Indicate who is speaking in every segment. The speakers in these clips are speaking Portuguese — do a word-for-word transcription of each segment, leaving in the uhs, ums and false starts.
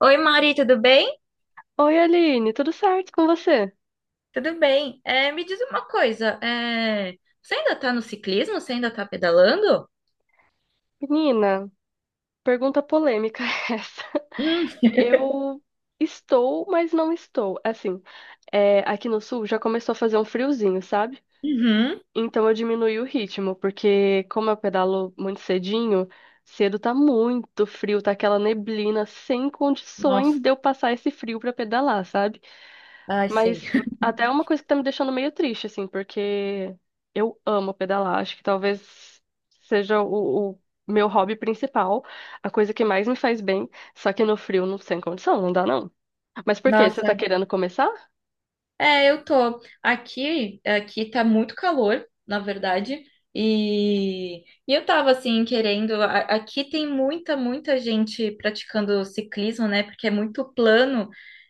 Speaker 1: Oi, Mari, tudo bem?
Speaker 2: Oi, Aline, tudo certo com você?
Speaker 1: Tudo bem. É, me diz uma coisa, é, você ainda está no ciclismo? Você ainda está pedalando?
Speaker 2: Menina, pergunta polêmica essa.
Speaker 1: Hum,
Speaker 2: Eu estou, mas não estou. Assim, é, aqui no sul já começou a fazer um friozinho, sabe?
Speaker 1: uhum.
Speaker 2: Então eu diminui o ritmo, porque como eu pedalo muito cedinho, cedo tá muito frio, tá aquela neblina sem
Speaker 1: Nossa,
Speaker 2: condições de eu passar esse frio pra pedalar, sabe?
Speaker 1: ai, sei.
Speaker 2: Mas até é uma coisa que tá me deixando meio triste, assim, porque eu amo pedalar, acho que talvez seja o, o meu hobby principal, a coisa que mais me faz bem, só que no frio não sem condição, não dá não. Mas por quê? Você tá
Speaker 1: Nossa,
Speaker 2: querendo começar?
Speaker 1: é, eu tô. Aqui, aqui tá muito calor, na verdade. E, e eu tava assim querendo. a- Aqui tem muita, muita gente praticando ciclismo, né? Porque é muito plano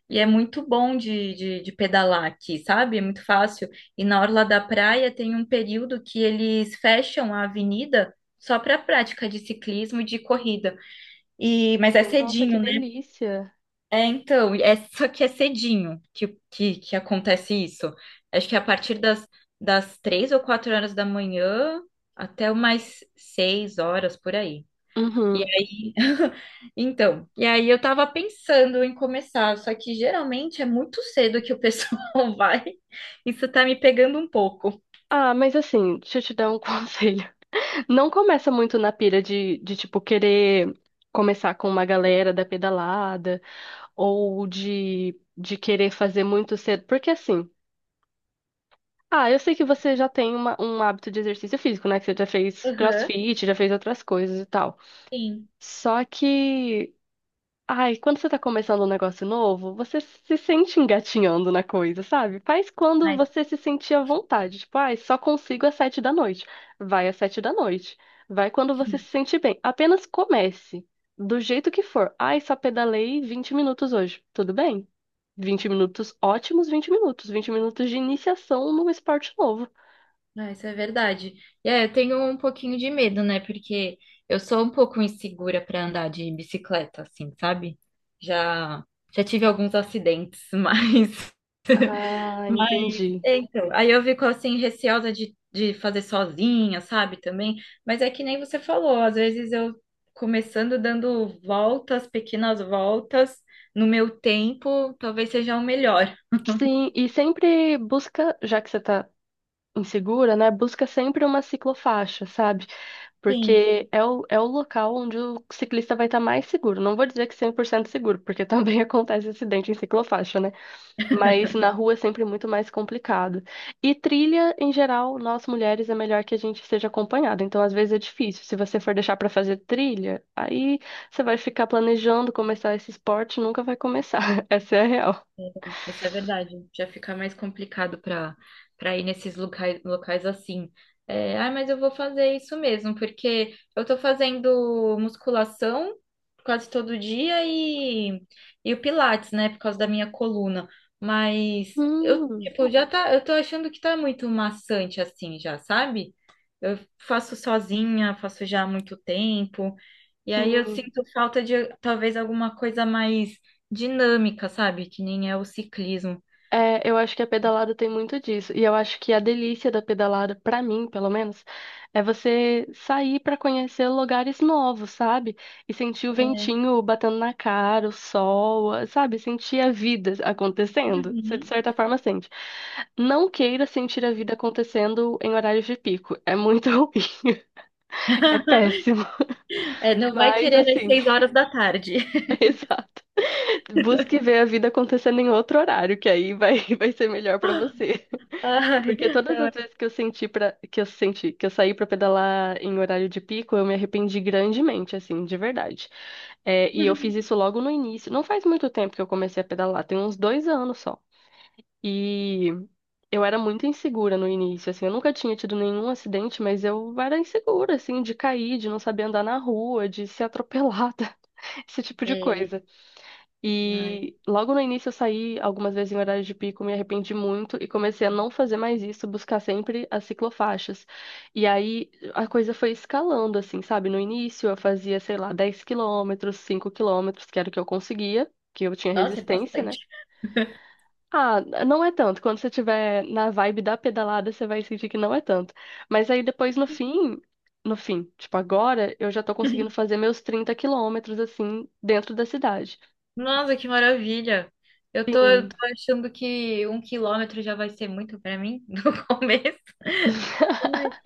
Speaker 1: e é muito bom de, de, de pedalar aqui, sabe? É muito fácil. E na orla da praia tem um período que eles fecham a avenida só para prática de ciclismo e de corrida. E, mas é
Speaker 2: Nossa, que
Speaker 1: cedinho,
Speaker 2: delícia.
Speaker 1: é, então, é, só que é cedinho que, que, que acontece isso. Acho que é a partir das, das três ou quatro horas da manhã até umas seis horas por aí. E
Speaker 2: Uhum.
Speaker 1: aí, então, e aí eu tava pensando em começar, só que geralmente é muito cedo que o pessoal vai. Isso tá me pegando um pouco.
Speaker 2: Ah, mas assim, deixa eu te dar um conselho. Não começa muito na pira de, de tipo, querer começar com uma galera da pedalada ou de, de querer fazer muito cedo. Porque assim, ah, eu sei que você já tem uma- um hábito de exercício físico, né? Que você já fez
Speaker 1: Aham,
Speaker 2: CrossFit, já fez outras coisas e tal.
Speaker 1: sim.
Speaker 2: Só que, ai, quando você tá começando um negócio novo, você se sente engatinhando na coisa, sabe? Faz quando você se sentir à vontade. Tipo, ai, só consigo às sete da noite. Vai às sete da noite. Vai quando você se sentir bem. Apenas comece. Do jeito que for. Ai, só pedalei vinte minutos hoje. Tudo bem? Vinte minutos ótimos, vinte minutos. Vinte minutos de iniciação num esporte novo.
Speaker 1: Ah, isso é verdade. E É, eu tenho um pouquinho de medo, né? Porque eu sou um pouco insegura para andar de bicicleta, assim, sabe? Já, já tive alguns acidentes, mas.
Speaker 2: Ah,
Speaker 1: mas-
Speaker 2: entendi.
Speaker 1: é, Então, aí eu fico assim, receosa de, de fazer sozinha, sabe? Também. Mas é que nem você falou, às vezes eu começando dando voltas, pequenas voltas, no meu tempo, talvez seja o melhor.
Speaker 2: Sim, e sempre busca, já que você tá insegura, né? Busca sempre uma ciclofaixa, sabe?
Speaker 1: Sim.
Speaker 2: Porque é o, é o local onde o ciclista vai estar mais seguro. Não vou dizer que cem por cento seguro, porque também acontece acidente em ciclofaixa, né? Mas na rua é sempre muito mais complicado. E trilha, em geral, nós mulheres é melhor que a gente seja acompanhada. Então, às vezes é difícil. Se você for deixar pra fazer trilha, aí você vai ficar planejando começar esse esporte e nunca vai começar. Essa é a real.
Speaker 1: Isso é verdade. Já fica mais complicado para para ir nesses locais, locais assim. É, ah, mas eu vou fazer isso mesmo, porque eu tô fazendo musculação quase todo dia e, e o Pilates, né, por causa da minha coluna. Mas eu,
Speaker 2: Hum,
Speaker 1: tipo, já tá, eu tô achando que tá muito maçante assim já, sabe? Eu faço sozinha, faço já há muito tempo. E aí eu
Speaker 2: sim.
Speaker 1: sinto falta de talvez alguma coisa mais dinâmica, sabe? Que nem é o ciclismo.
Speaker 2: É, eu acho que a pedalada tem muito disso. E eu acho que a delícia da pedalada, pra mim, pelo menos, é você sair pra conhecer lugares novos, sabe? E sentir o ventinho batendo na cara, o sol, a- sabe? Sentir a vida acontecendo. Você, de
Speaker 1: Uhum.
Speaker 2: certa forma, sente. Não queira sentir a vida acontecendo em horários de pico. É muito ruim. É péssimo.
Speaker 1: É, não vai
Speaker 2: Mas,
Speaker 1: querer às
Speaker 2: assim,
Speaker 1: seis horas da tarde.
Speaker 2: exato. Busque ver a vida acontecendo em outro horário, que aí vai, vai ser melhor pra você.
Speaker 1: Ai,
Speaker 2: Porque todas as
Speaker 1: não.
Speaker 2: vezes que eu senti para que eu senti que eu saí pra pedalar em horário de pico, eu me arrependi grandemente, assim, de verdade. É, e eu fiz isso logo no início. Não faz muito tempo que eu comecei a pedalar, tem uns dois anos só. E eu era muito insegura no início, assim, eu nunca tinha tido nenhum acidente, mas eu era insegura, assim, de cair, de não saber andar na rua, de ser atropelada, esse tipo de
Speaker 1: Ei,
Speaker 2: coisa.
Speaker 1: ai.
Speaker 2: E logo no início eu saí algumas vezes em horário de pico, me arrependi muito e comecei a não fazer mais isso, buscar sempre as ciclofaixas. E aí a coisa foi escalando, assim, sabe? No início eu fazia, sei lá, dez quilômetros, cinco quilômetros, que era o que eu conseguia, que eu tinha
Speaker 1: Nossa, é
Speaker 2: resistência, né?
Speaker 1: bastante.
Speaker 2: Ah, não é tanto. Quando você tiver na vibe da pedalada, você vai sentir que não é tanto. Mas aí depois no fim, no fim, tipo agora, eu já tô conseguindo fazer meus trinta quilômetros, assim, dentro da cidade.
Speaker 1: Nossa, que maravilha. Eu tô, eu
Speaker 2: Sim.
Speaker 1: tô achando que um quilômetro já vai ser muito pra mim no começo. Ai,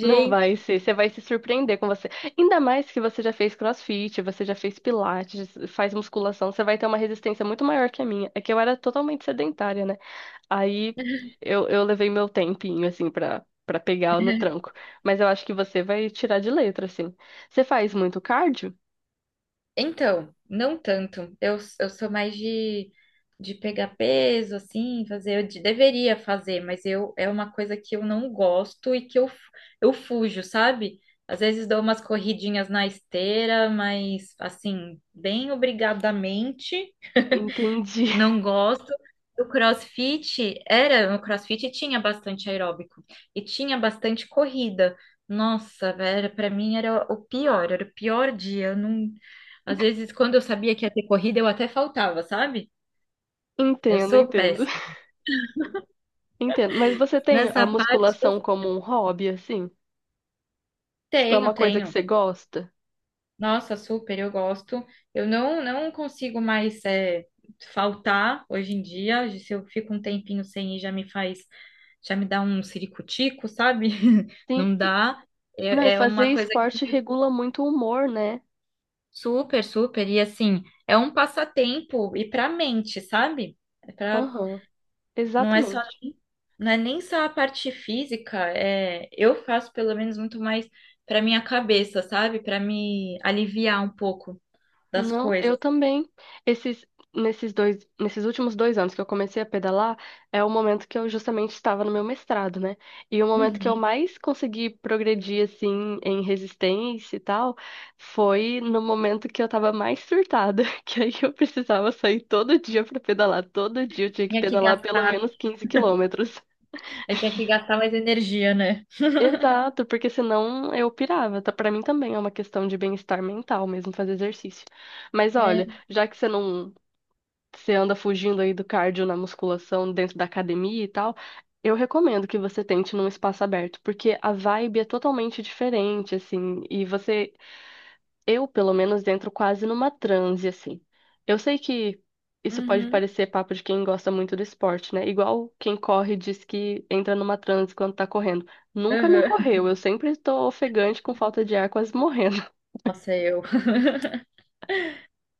Speaker 2: Não vai ser, você vai se surpreender com você. Ainda mais que você já fez CrossFit, você já fez pilates, faz musculação, você vai ter uma resistência muito maior que a minha. É que eu era totalmente sedentária, né? Aí eu, eu levei meu tempinho, assim, pra, pra pegar no tranco. Mas eu acho que você vai tirar de letra, assim. Você faz muito cardio?
Speaker 1: Então, não tanto. Eu, eu sou mais de, de pegar peso, assim, fazer. Eu de- deveria fazer, mas eu é uma coisa que eu não gosto e que eu, fu- eu fujo, sabe? Às vezes dou umas corridinhas na esteira, mas assim, bem obrigadamente.
Speaker 2: Entendi.
Speaker 1: Não gosto. O CrossFit era, no CrossFit tinha bastante aeróbico e tinha bastante corrida. Nossa, velho, para mim era o pior, era o pior dia. Eu não, às vezes quando eu sabia que ia ter corrida, eu até faltava, sabe? Eu
Speaker 2: Entendo,
Speaker 1: sou
Speaker 2: entendo.
Speaker 1: péssima.
Speaker 2: Entendo. Mas você tem a
Speaker 1: Nessa parte eu
Speaker 2: musculação como um hobby, assim? Tipo, é
Speaker 1: tenho,
Speaker 2: uma coisa que
Speaker 1: tenho.
Speaker 2: você gosta?
Speaker 1: Nossa, super, eu gosto. Eu não, não consigo mais é, faltar hoje em dia. Se eu fico um tempinho sem ir, já me faz, já me dá um siricutico, sabe?
Speaker 2: Sim.
Speaker 1: Não dá.
Speaker 2: Não, e
Speaker 1: É, é
Speaker 2: fazer
Speaker 1: uma coisa que
Speaker 2: esporte regula muito o humor, né?
Speaker 1: super, super. E assim, é um passatempo e para a mente, sabe? É pra,
Speaker 2: Aham,
Speaker 1: não é só,
Speaker 2: exatamente.
Speaker 1: não é nem só a parte física. É, eu faço pelo menos muito mais para minha cabeça, sabe? Para me aliviar um pouco das
Speaker 2: Não,
Speaker 1: coisas.
Speaker 2: eu também. Esses, nesses dois, nesses últimos dois anos que eu comecei a pedalar, é o momento que eu justamente estava no meu mestrado, né? E o momento que eu mais consegui progredir, assim, em resistência e tal, foi no momento que eu estava mais surtada, que aí eu precisava sair todo dia para pedalar. Todo dia eu tinha que
Speaker 1: Tinha que
Speaker 2: pedalar pelo
Speaker 1: gastar,
Speaker 2: menos quinze quilômetros.
Speaker 1: eu tinha que gastar mais energia, né?
Speaker 2: Exato, porque senão eu pirava. Tá, para mim também é uma questão de bem-estar mental mesmo fazer exercício. Mas
Speaker 1: É.
Speaker 2: olha, já que você não você anda fugindo aí do cardio na musculação dentro da academia e tal, eu recomendo que você tente num espaço aberto, porque a vibe é totalmente diferente assim, e você eu, pelo menos, entro quase numa transe, assim. Eu sei que isso pode
Speaker 1: Uhum.
Speaker 2: parecer papo de quem gosta muito do esporte, né? Igual quem corre diz que entra numa transe quando tá correndo. Nunca me
Speaker 1: Uhum.
Speaker 2: ocorreu, eu sempre estou ofegante com falta de ar, quase morrendo.
Speaker 1: Nossa, eu.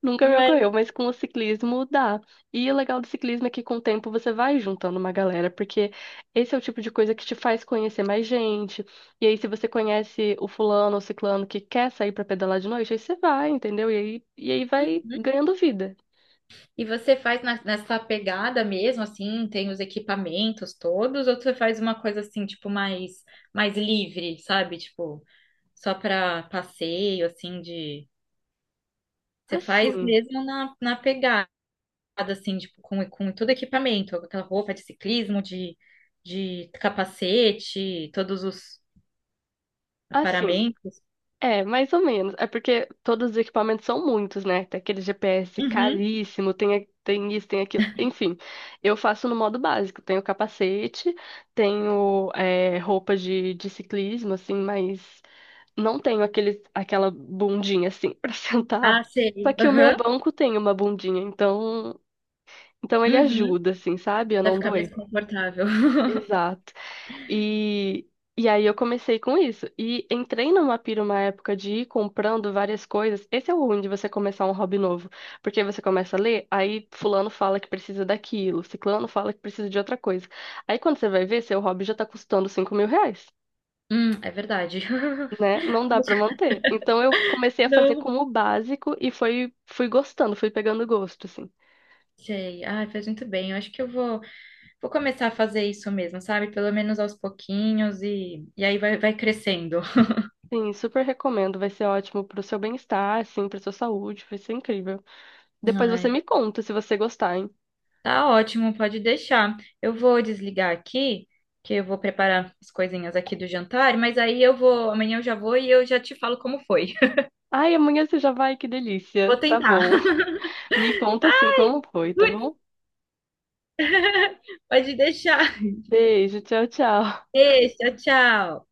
Speaker 2: Nunca me
Speaker 1: Mas,
Speaker 2: ocorreu, mas com o ciclismo dá. E o legal do ciclismo é que com o tempo você vai juntando uma galera, porque esse é o tipo de coisa que te faz conhecer mais gente. E aí, se você conhece o fulano ou ciclano que quer sair pra pedalar de noite, aí você vai, entendeu? E aí, e aí vai
Speaker 1: uhum.
Speaker 2: ganhando vida.
Speaker 1: E você faz na- nessa pegada mesmo, assim, tem os equipamentos todos, ou você faz uma coisa assim, tipo, mais, mais livre, sabe? Tipo, só para passeio, assim, de. Você faz
Speaker 2: Assim,
Speaker 1: mesmo na, na pegada, assim, tipo, com, com todo equipamento, com aquela roupa de ciclismo, de, de capacete, todos os
Speaker 2: assim.
Speaker 1: aparamentos.
Speaker 2: É, mais ou menos. É porque todos os equipamentos são muitos, né? Tem aquele G P S
Speaker 1: Uhum.
Speaker 2: caríssimo, tem, a- tem isso, tem aquilo. Enfim, eu faço no modo básico. Tenho capacete, tenho é, roupa de, de ciclismo, assim, mas não tenho aquele, aquela bundinha, assim, pra sentar.
Speaker 1: Ah,
Speaker 2: Só
Speaker 1: sei.
Speaker 2: que o meu
Speaker 1: Aham.
Speaker 2: banco tem uma bundinha, então, então ele
Speaker 1: Uhum.
Speaker 2: ajuda, assim, sabe? A
Speaker 1: Vai
Speaker 2: não
Speaker 1: ficar
Speaker 2: doer.
Speaker 1: mais confortável.
Speaker 2: Exato. E, e aí eu comecei com isso. E entrei numa pira uma época de ir comprando várias coisas. Esse é o ruim de você começar um hobby novo. Porque você começa a ler, aí fulano fala que precisa daquilo, ciclano fala que precisa de outra coisa. Aí quando você vai ver, seu hobby já tá custando cinco mil reais.
Speaker 1: Hum, é verdade.
Speaker 2: Né? Não dá pra manter. Então eu comecei a fazer
Speaker 1: Não.
Speaker 2: como básico e foi, fui gostando, fui pegando gosto, assim.
Speaker 1: Sei. Ah, fez muito bem. Eu acho que eu vou, vou começar a fazer isso mesmo, sabe? Pelo menos aos pouquinhos e, e aí vai, vai crescendo.
Speaker 2: Sim, super recomendo. Vai ser ótimo pro seu bem-estar, assim, pra sua saúde. Vai ser incrível. Depois você
Speaker 1: Ai,
Speaker 2: me conta se você gostar, hein?
Speaker 1: tá ótimo, pode deixar. Eu vou desligar aqui, que eu vou preparar as coisinhas aqui do jantar, mas aí eu vou, amanhã eu já vou e eu já te falo como foi.
Speaker 2: Ai, amanhã você já vai, que
Speaker 1: Vou
Speaker 2: delícia. Tá
Speaker 1: tentar.
Speaker 2: bom. Me conta assim como foi, tá bom?
Speaker 1: Pode deixar.
Speaker 2: Beijo, tchau, tchau.
Speaker 1: Beijo, tchau.